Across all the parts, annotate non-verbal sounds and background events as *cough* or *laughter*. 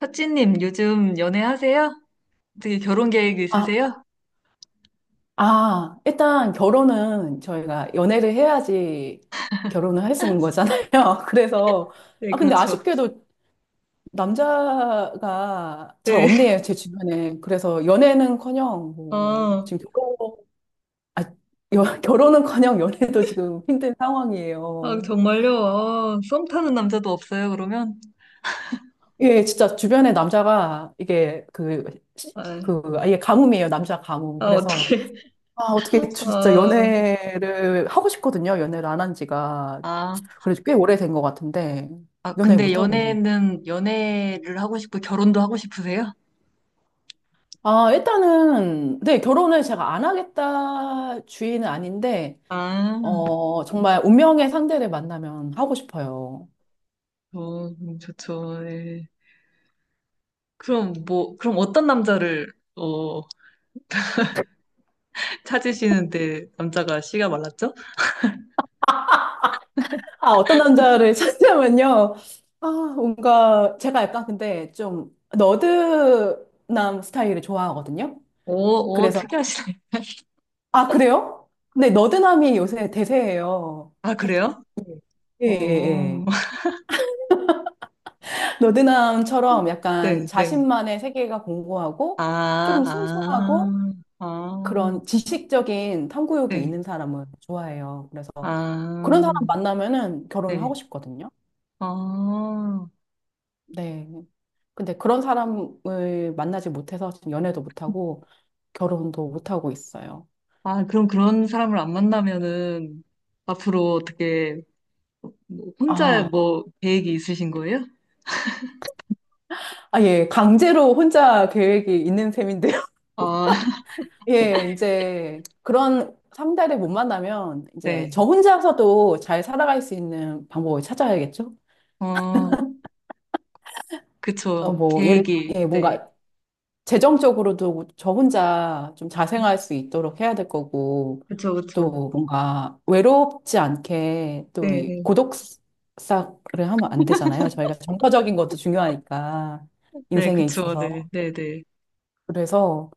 사치님, 요즘 연애하세요? 어떻게 결혼 계획 아, 있으세요? 일단 결혼은 저희가 연애를 해야지 결혼을 할 수 있는 *laughs* 거잖아요. *laughs* 그래서, 네, 근데 그렇죠. 아쉽게도 남자가 잘 네. 없네요, 제 주변에. 그래서 연애는커녕, 아, 지금 아, 결혼은커녕 연애도 지금 힘든 아, 상황이에요. 정말요? 아, 썸 타는 남자도 없어요, 그러면? 예, 진짜 주변에 남자가 이게 그, 시- 아, 그, 아예 가뭄이에요, 남자 가뭄. 아, 어떻게. 어떻게 진짜 아, 연애를 하고 싶거든요. 연애를 안 한 지가 아, 그래도 꽤 오래된 것 같은데, 아, 연애 근데 못하고 있네요. 연애를 하고 싶고, 결혼도 하고 싶으세요? 일단은, 네, 결혼을 제가 안 하겠다 주의는 아닌데, 아, 정말 운명의 상대를 만나면 하고 싶어요. 어, 좋죠. 네. 그럼 뭐, 그럼 찾으시는데 남자가 씨가 말랐죠? 아, 어떤 남자를 *laughs* 찾냐면요. 아, 뭔가, 제가 약간 근데 좀 너드남 스타일을 좋아하거든요. 오, 오, 그래서, 특이하시네. 아, 그래요? 근데 너드남이 요새 대세예요. 아, 그래요? 예, 어. 예, 예. 어. 너드남처럼 약간 네, 네. 자신만의 세계가 아, 공고하고 조금 순수하고 아, 아, 그런 지식적인 탐구욕이 네. 있는 사람을 좋아해요. 그래서 그런 사람 아, 만나면은 결혼하고 네. 을 싶거든요. 아, 네. 근데 그런 사람을 만나지 못해서 지금 연애도 못하고 결혼도 못하고 있어요. 아, 그럼 그런 사람을 안 만나면은 앞으로 어떻게 뭐 혼자 아, 뭐 계획이 있으신 거예요? 예. 강제로 혼자 계획이 있는 셈인데요. *laughs* 아, *laughs* 예, 이제 그런 상대를 못 만나면 이제 네. 저 혼자서도 잘 살아갈 수 있는 방법을 찾아야겠죠? 어, 어, 그쵸. 뭐, 예를, 계획이. 예, 네. 뭔가 재정적으로도 저 혼자 좀 자생할 수 있도록 해야 될 거고, 그쵸, 그쵸. 또 뭔가 외롭지 않게 또 네, 이 네. 고독사를 하면 안 되잖아요. 저희가 정서적인 것도 중요하니까, 네, 인생에 그쵸. 네, 있어서. 네, 네. 그래서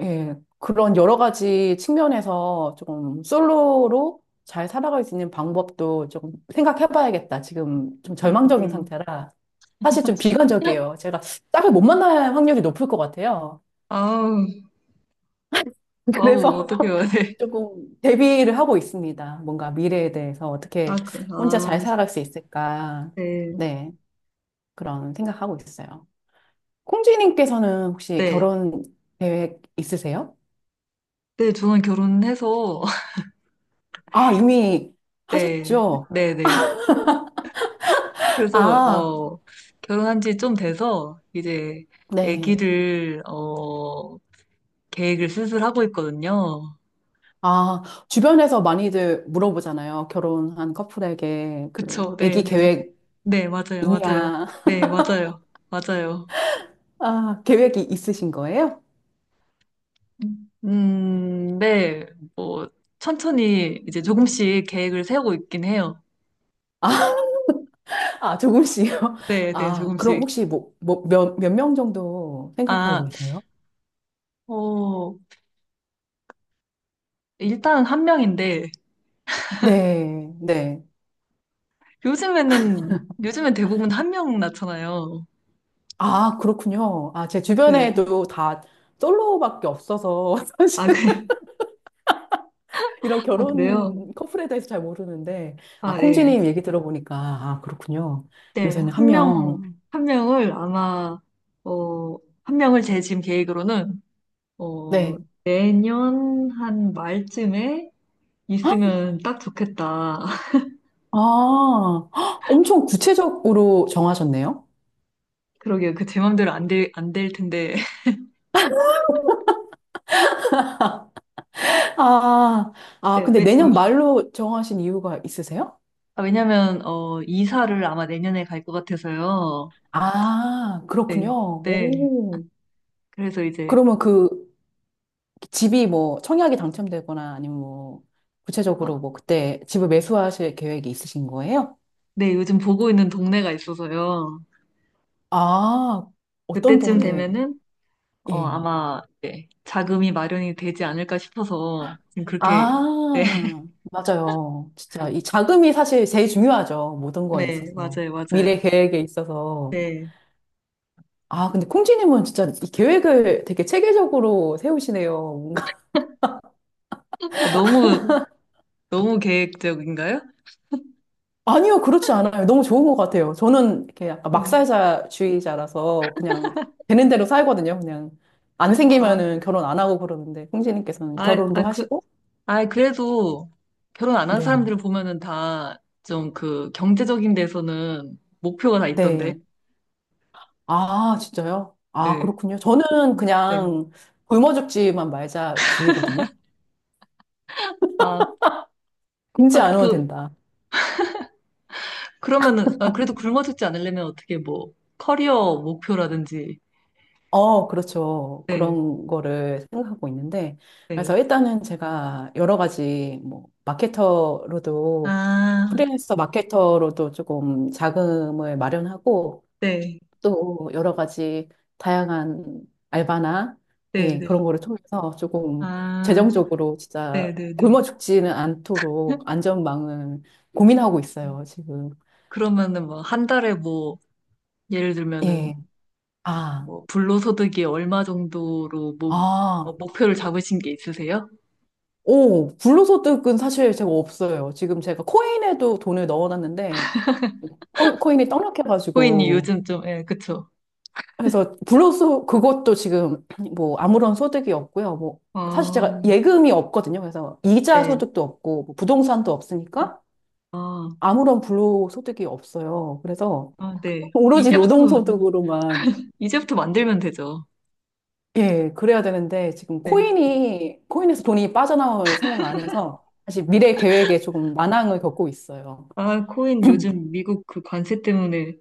예, 그런 여러 가지 측면에서 조금 솔로로 잘 살아갈 수 있는 방법도 조금 생각해봐야겠다. 지금 좀 절망적인 음. 상태라 사실 좀 *laughs* 비관적이에요. 제가 짝을 못 만날 확률이 높을 것 같아요. 아우, *laughs* 아우, 그래서 어떡해요. *laughs* *laughs* 네. 조금 대비를 하고 있습니다. 뭔가 미래에 대해서 아, 어떻게 그, 혼자 아, 잘 살아갈 수 있을까. 네. 네, 그런 생각하고 있어요. 콩쥐님께서는 혹시 네. 결혼 계획 있으세요? 네, 저는 결혼해서 아, 이미 네, 하셨죠? 네네. 그래서, 아, 어, 결혼한 지 좀 돼서, 이제, 네. 아기를, 계획을 슬슬 하고 있거든요. 아, 주변에서 많이들 물어보잖아요. 결혼한 커플에게 그 그쵸, 아기 네네. 계획 네, 맞아요, 맞아요. 있냐? 네, 맞아요, 맞아요. 아, 계획이 있으신 거예요? 네, 뭐, 천천히 이제 조금씩 계획을 세우고 있긴 해요. 아, 아, 조금씩요. 네, 네, 아, 그럼 조금씩. 혹시 몇 명 정도 생각하고 아, 계세요? 어, 일단 한 명인데, 네, 네. 요즘에는, 요즘엔 대부분 한 명 낳잖아요. 아, 그렇군요. 아, 제 네. 주변에도 다 솔로밖에 없어서 *laughs* 사실 아, 그래요? 이런 아, 그래요? 결혼 커플에 대해서 잘 모르는데 아, 아, 예. 콩지님 얘기 들어보니까 아, 그렇군요. 네, 요새는 한 한 명, 명. 한 명을 아마, 어, 한 명을 제 지금 계획으로는, 어, 네. 내년 한 말쯤에 있으면 딱 좋겠다. *laughs* 아, 헉, 엄청 구체적으로 정하셨네요. 그러게요. 그 제 맘대로 안 될 텐데. *laughs* 아, 네, 근데 왜, 내년 말로 정하신 이유가 있으세요? 아, 왜냐면, 어, 이사를 아마 내년에 갈 것 같아서요. 아, 네, 그렇군요. 네. 오. 그래서 이제, 그러면 그 집이 뭐 청약이 당첨되거나 아니면 뭐 구체적으로 아, 뭐 그때 집을 매수하실 계획이 있으신 거예요? 네, 요즘 보고 있는 동네가 있어서요. 아, 어떤 그때쯤 동네, 되면은 어, 예. 아마 네, 자금이 마련이 되지 않을까 싶어서 지금 그렇게 네, *laughs* 아, 맞아요. 진짜 이 자금이 사실 제일 중요하죠. 모든 거에 네, 있어서. 맞아요, 미래 맞아요. 계획에 있어서. 네. 아, 근데 콩쥐님은 진짜 이 계획을 되게 체계적으로 세우시네요. 뭔가. 아, 너무 계획적인가요? *laughs* 아니요, 그렇지 않아요. 너무 좋은 것 같아요. 저는 이렇게 약간 네. 막살자주의자라서 그냥 되는 대로 살거든요. 그냥 안 아, 생기면은 결혼 안 하고 그러는데 콩쥐님께서는 아, 결혼도 아, 그, 하시고. 아, 그래도 결혼 안 한 네. 사람들을 보면은 다 좀 그 경제적인 데서는 목표가 다 있던데. 네. 아, 진짜요? 아, 네. 그렇군요. 저는 네. 그냥 굶어 죽지만 말자 주의거든요. 아, 굶지 아, 않으면 그래도 된다. 그러면은 아, 그래도 굶어죽지 않으려면 어떻게 뭐 커리어 목표라든지. 어, 그렇죠. 네. 그런 거를 생각하고 있는데, 네. 그래서 일단은 제가 여러 가지, 뭐, 마케터로도, 아, 프리랜서 마케터로도 조금 자금을 마련하고, 네. 또 여러 가지 다양한 알바나, 네, 예, 그런 네. 거를 통해서 조금 아, 재정적으로 진짜 굶어 네네네. 죽지는 않도록 안전망을 고민하고 있어요, 지금. 그러면은 뭐 한 달에 뭐 예를 들면은 예. 아, 뭐 불로소득이 얼마 정도로 뭐, 뭐 아. 목표를 잡으신 게 있으세요? 오, 불로소 뜨은 사실 제가 없어요. 지금 제가 코인에도 돈을 넣어놨는데, 코인이 코인이 떡락해가지고. 요즘 좀, 예, 그쵸. 그래서 불로소 그것도 지금 *clears throat* 뭐 아무런 소득이 없고요. 뭐, 사실 제가 아, 예금이 없거든요. 그래서 이자 네. 소득도 없고, 뭐 부동산도 없으니까 아, 아무런 불로 소득이 없어요. 그래서 아, 네. 오로지 이제부터, 노동소득으로만, 이제부터 만들면 되죠. 예, 그래야 되는데, 네. 코인에서 돈이 빠져나올 생각 안 해서, 사실 미래 계획에 조금 난항을 겪고 있어요. 아, 코인 *clears throat* 요즘 미국 그 관세 때문에.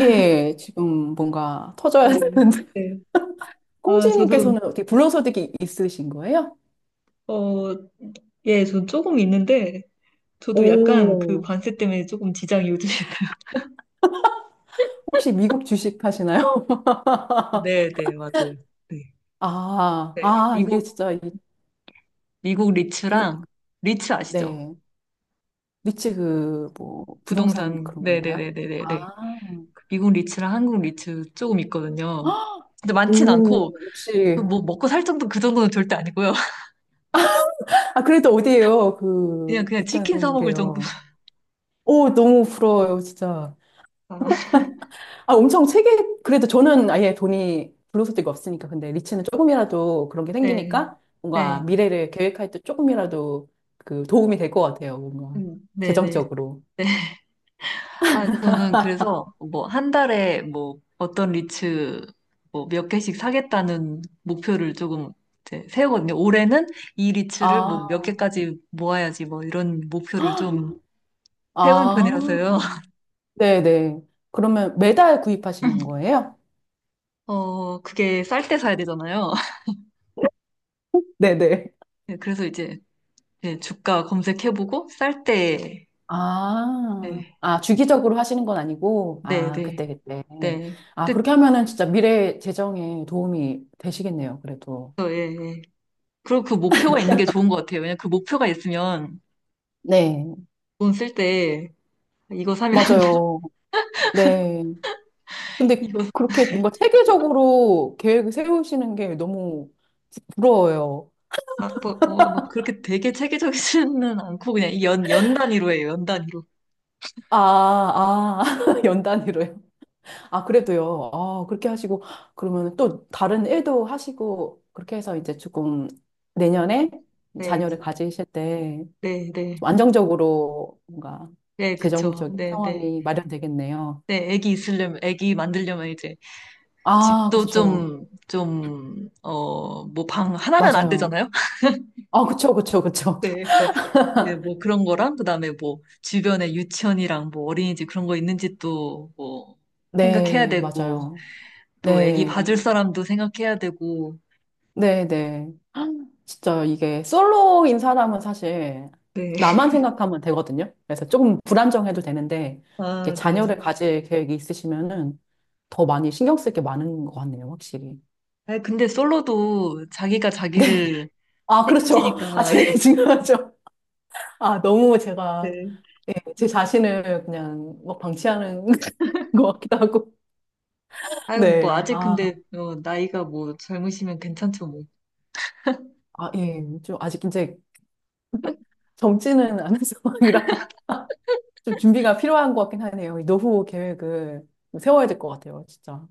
예, 지금 뭔가 터져야 네. 되는데. 네. *laughs* 아, 저도, 홍지님께서는 어떻게 불로소득이 있으신 거예요? 어, 예, 전 조금 있는데, 저도 약간 그 오, 관세 때문에 조금 지장이 요즘 혹시 미국 주식 하시나요? *laughs* 네, 네, 맞아요. 네. 네. 이게 미국, 진짜 이 미국 돈, 리츠랑, 리츠 아시죠? 네. 리츠 그, 뭐, 부동산 부동산. 그런 네, 네, 건가요? 네, 네, 네, 네. 아, 미국 리츠랑 한국 리츠 조금 있거든요. 근데 *gasps* 많진 오, 않고, 역시. 그뭐 먹고 살 정도 그 정도는 절대 아니고요. *laughs* 아, 그래도 어디에요? 그냥, 그, 그냥 치킨 사 있다는 먹을 정도. 게요. *laughs* 오, 너무 부러워요, 진짜. 아, 아, 엄청 세게, 그래도 저는 아예 돈이 불로소득이 없으니까. 근데 리츠는 조금이라도 그런 게 네, 생기니까 뭔가 네, 미래를 계획할 때 조금이라도 그 도움이 될 것 같아요. 뭔가 네, 네. 네. 재정적으로. 아, 저는 그래서 뭐 한 달에 뭐 어떤 리츠 뭐 몇 개씩 사겠다는 목표를 조금 이제 세우거든요. 올해는 이 리츠를 아, 뭐 몇 개까지 모아야지 뭐 이런 목표를 좀 세우는 아, 편이라서요. *laughs* 네네. 그러면 매달 구입하시는 거예요? 어, 그게 쌀 때 사야 되잖아요. *laughs* 네네. 네, 그래서 이제 네, 주가 검색해보고 쌀 때, 아, 네, 아, 주기적으로 하시는 건 아니고, 네, 아, 네, 그때, 그때. 네. 아, 뜻, 그렇게 하면은 진짜 미래 재정에 도움이 되시겠네요, 그래도. 어, 예, 예. 그리고 그 목표가 있는 게 좋은 것 같아요. 왜냐면 그 목표가 있으면 네, 돈 쓸 때 이거 사면 *laughs* 맞아요. 네. 근데 이거 그렇게 뭔가 체계적으로 계획을 세우시는 게 너무 부러워요. 막, 뭐, 어, 막 그렇게 되게 체계적이지는 않고 그냥 이 연, 연 단위로 해요. 연 단위로. 아, 아, *laughs* 연 단위로요. 아, 그래도요. 아, 그렇게 하시고, 그러면 또 다른 일도 하시고, 그렇게 해서 이제 조금 내년에 네, 자녀를 가지실 때 네, 네. 좀 안정적으로 뭔가 네, 그쵸. 재정적인 네, 네. 상황이 마련되겠네요. 네, 애기 있으려면, 애기 만들려면 이제 아, 집도 그렇죠. 좀, 좀, 어, 뭐 방 하나면 안 맞아요. 되잖아요? *laughs* 아, 그쵸, 그쵸, 그쵸. 네, 그러니까, 네, 뭐 그런 거랑, 그 다음에 뭐 주변에 유치원이랑 뭐 어린이집 그런 거 있는지 또 뭐 생각해야 네, 되고, 맞아요. 또 애기 네. 봐줄 사람도 생각해야 되고, 네네. 진짜 이게 솔로인 사람은 사실 네. 나만 생각하면 되거든요. 그래서 조금 불안정해도 되는데, 이렇게 아, 네. 자녀를 가질 계획이 있으시면은 더 많이 신경 쓸 게 많은 것 같네요, 확실히. 아니, 근데 솔로도 자기가 네. 자기를 아, 그렇죠. *laughs* 아, 책임지니까. 제일 *laughs* 중요하죠. 아, 너무 제가, 네. 예, 제 자신을 그냥 막 방치하는 *laughs* 것 같기도 하고. 아유, 뭐, 네. 아직 근데, 어, 나이가 뭐, 젊으시면 괜찮죠, 뭐. 예. 좀 아직 이제 젊지는 않은 *laughs* 상황이라. 좀 준비가 필요한 것 같긴 하네요. 이 노후 계획을 좀 세워야 될 것 같아요, 진짜.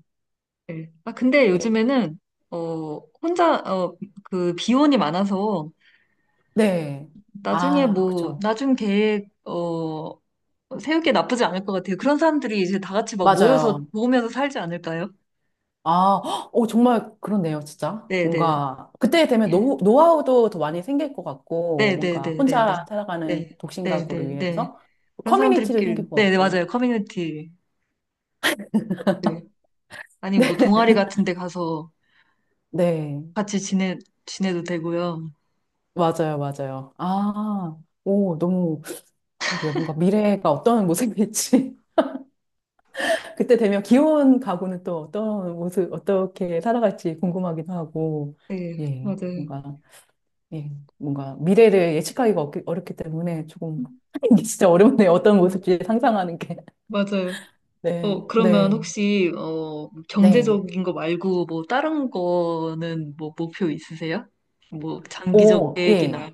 네. 아, 근데 예. 요즘에는, 어, 혼자, 어, 그, 비혼이 많아서, 네. 나중에 아, 뭐, 그쵸. 나중 계획, 어, 세우기 나쁘지 않을 것 같아요. 그런 사람들이 이제 다 같이 막 모여서 맞아요. 모으면서 살지 않을까요? 아, 헉, 오, 정말 그렇네요, 진짜. 네네. 뭔가, 그때 되면 노후, 노하우도 더 많이 생길 것 같고, 뭔가 네네네네네. 혼자 네. 살아가는 독신 가구를 네네네. 위해서 그런 커뮤니티도 사람들끼리, 생길 것 네네, 같고. 맞아요. 커뮤니티. 아니, 뭐, 동아리 같은 데 가서 네. 같이 지내도 되고요. 맞아요, 맞아요. 오, 너무, 그러게요. 뭔가 미래가 어떤 모습일지. 그때 되면 귀여운 가구는 또 어떤 모습, 어떻게 살아갈지 궁금하기도 하고, 네, 예, 맞아요. 뭔가, 예, 뭔가 미래를 어렵기 때문에 조금, *laughs* 이게 진짜 어렵네요. 어떤 어, 모습인지 상상하는 게. *laughs* 맞아요. 네, 어, 그러면 네, 혹시, 어, 네. 경제적인 거 말고, 뭐, 다른 거는 뭐, 목표 있으세요? 뭐, 장기적 오, 예. 계획이나.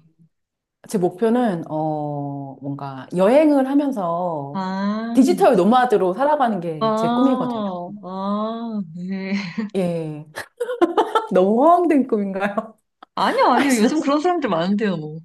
뭔가 여행을 하면서 아, 디지털 노마드로 살아가는 게 제 아, 꿈이거든요. 아, 네. 예. *laughs* 너무 허황된 꿈인가요? 아니요, *laughs* 아니, 아니요. 저, 요즘 그런 사람들 많은데요, 뭐.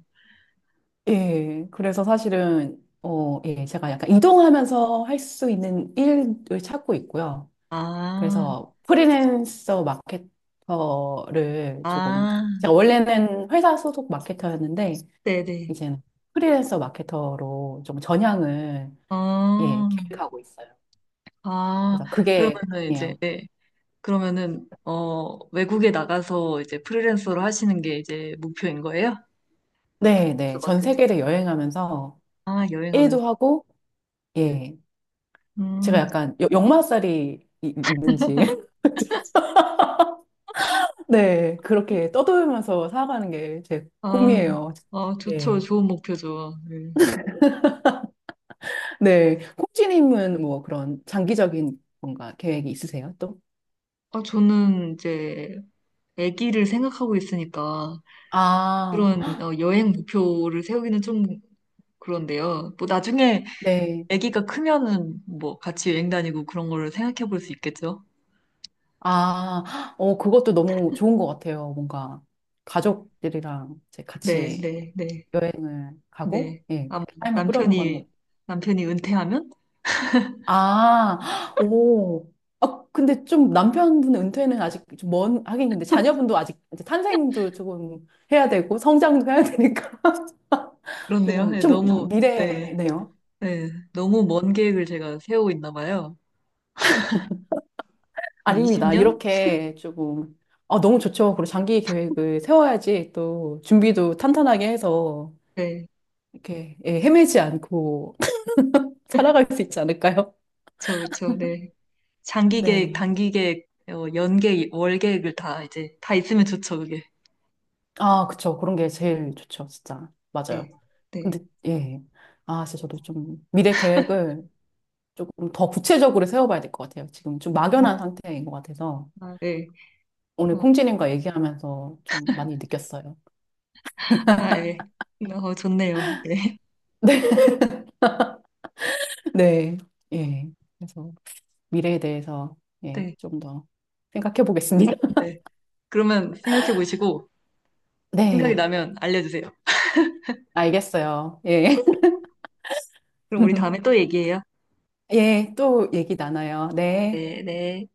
예, 그래서 사실은, 예, 제가 약간 이동하면서 할 수 있는 일을 찾고 있고요. 아, 그래서 프리랜서 마케터를 조금, 아, 제가 원래는 회사 소속 마케터였는데, 네네. 이제는 프리랜서 마케터로 좀 전향을, 예, 아, 계획하고 있어요. 아, 그래서 그게, 그러면은 이제, 예요. 네. 그러면은, 어, 외국에 나가서 이제 프리랜서로 하시는 게 이제 목표인 거예요? 네, 네. 그래서 막 전 그- 세계를 여행하면서 아, 여행하면서. 일도 하고, 예. 제가 음, 약간 역마살이 있는지. *laughs* 네, 그렇게 떠돌면서 살아가는 게 제 아, 꿈이에요. 아, 좋죠. 네. 좋은 목표죠. 네. 네, 콩쥐님은 뭐 그런 장기적인 뭔가 계획이 있으세요, 또? 아, 저는 이제 아기를 생각하고 있으니까 아, 그런 어, 여행 목표를 세우기는 좀 그런데요. 뭐 나중에 네. 아기가 크면은 뭐 같이 여행 다니고 그런 거를 생각해 볼 수 있겠죠. 아, 어, 그것도 너무 좋은 것 같아요. 뭔가 가족들이랑 이제 네, 같이 네, 네, 여행을 가고, 네. 예, 아마 그렇게 삶을 꾸려나가는 남편이, 것 남편이 은퇴하면? 아, 오. 아, 근데 좀 남편분 은퇴는 아직 좀 먼, 하긴 근데 자녀분도 아직 이제 탄생도 조금 해야 되고 성장도 해야 되니까 *laughs* 그렇네요. 조금 네, 좀 너무, 네, 미래네요. 네. 너무 먼 계획을 제가 세우고 있나 봐요. 아닙니다. 20년? 이렇게 조금 아, 너무 좋죠. 그리고 장기 계획을 세워야지 또 준비도 탄탄하게 해서 이렇게 예, 헤매지 않고 *laughs* 살아갈 수 있지 않을까요? 그쵸, 그쵸, 네. 장기 계획, 네. 단기 계획, 어, 연 계획, 월 계획을 다 이제, 다 있으면 좋죠, 그게. 아, 그쵸. 그런 게 제일 좋죠. 진짜. 네, 맞아요. 근데 네, 예. 아, 진짜 저도 좀 미래 계획을 조금 더 구체적으로 세워봐야 될 것 같아요. 지금 좀 막연한 상태인 것 같아서 아, 네. 오늘 어, 콩지님과 얘기하면서 좀 많이 느꼈어요. 아, 예. 어, 좋네요. 네, *laughs* 네, 네, 예. 그래서 미래에 대해서 예, 네, 좀 더 생각해 보겠습니다. *laughs* 네. 그러면 생각해 보시고, 생각이 네, 나면 알려주세요. 알겠어요. 예. 그럼 우리 다음에 또 *laughs* 얘기해요. 예, 또 얘기 나눠요. 네. 네, 네.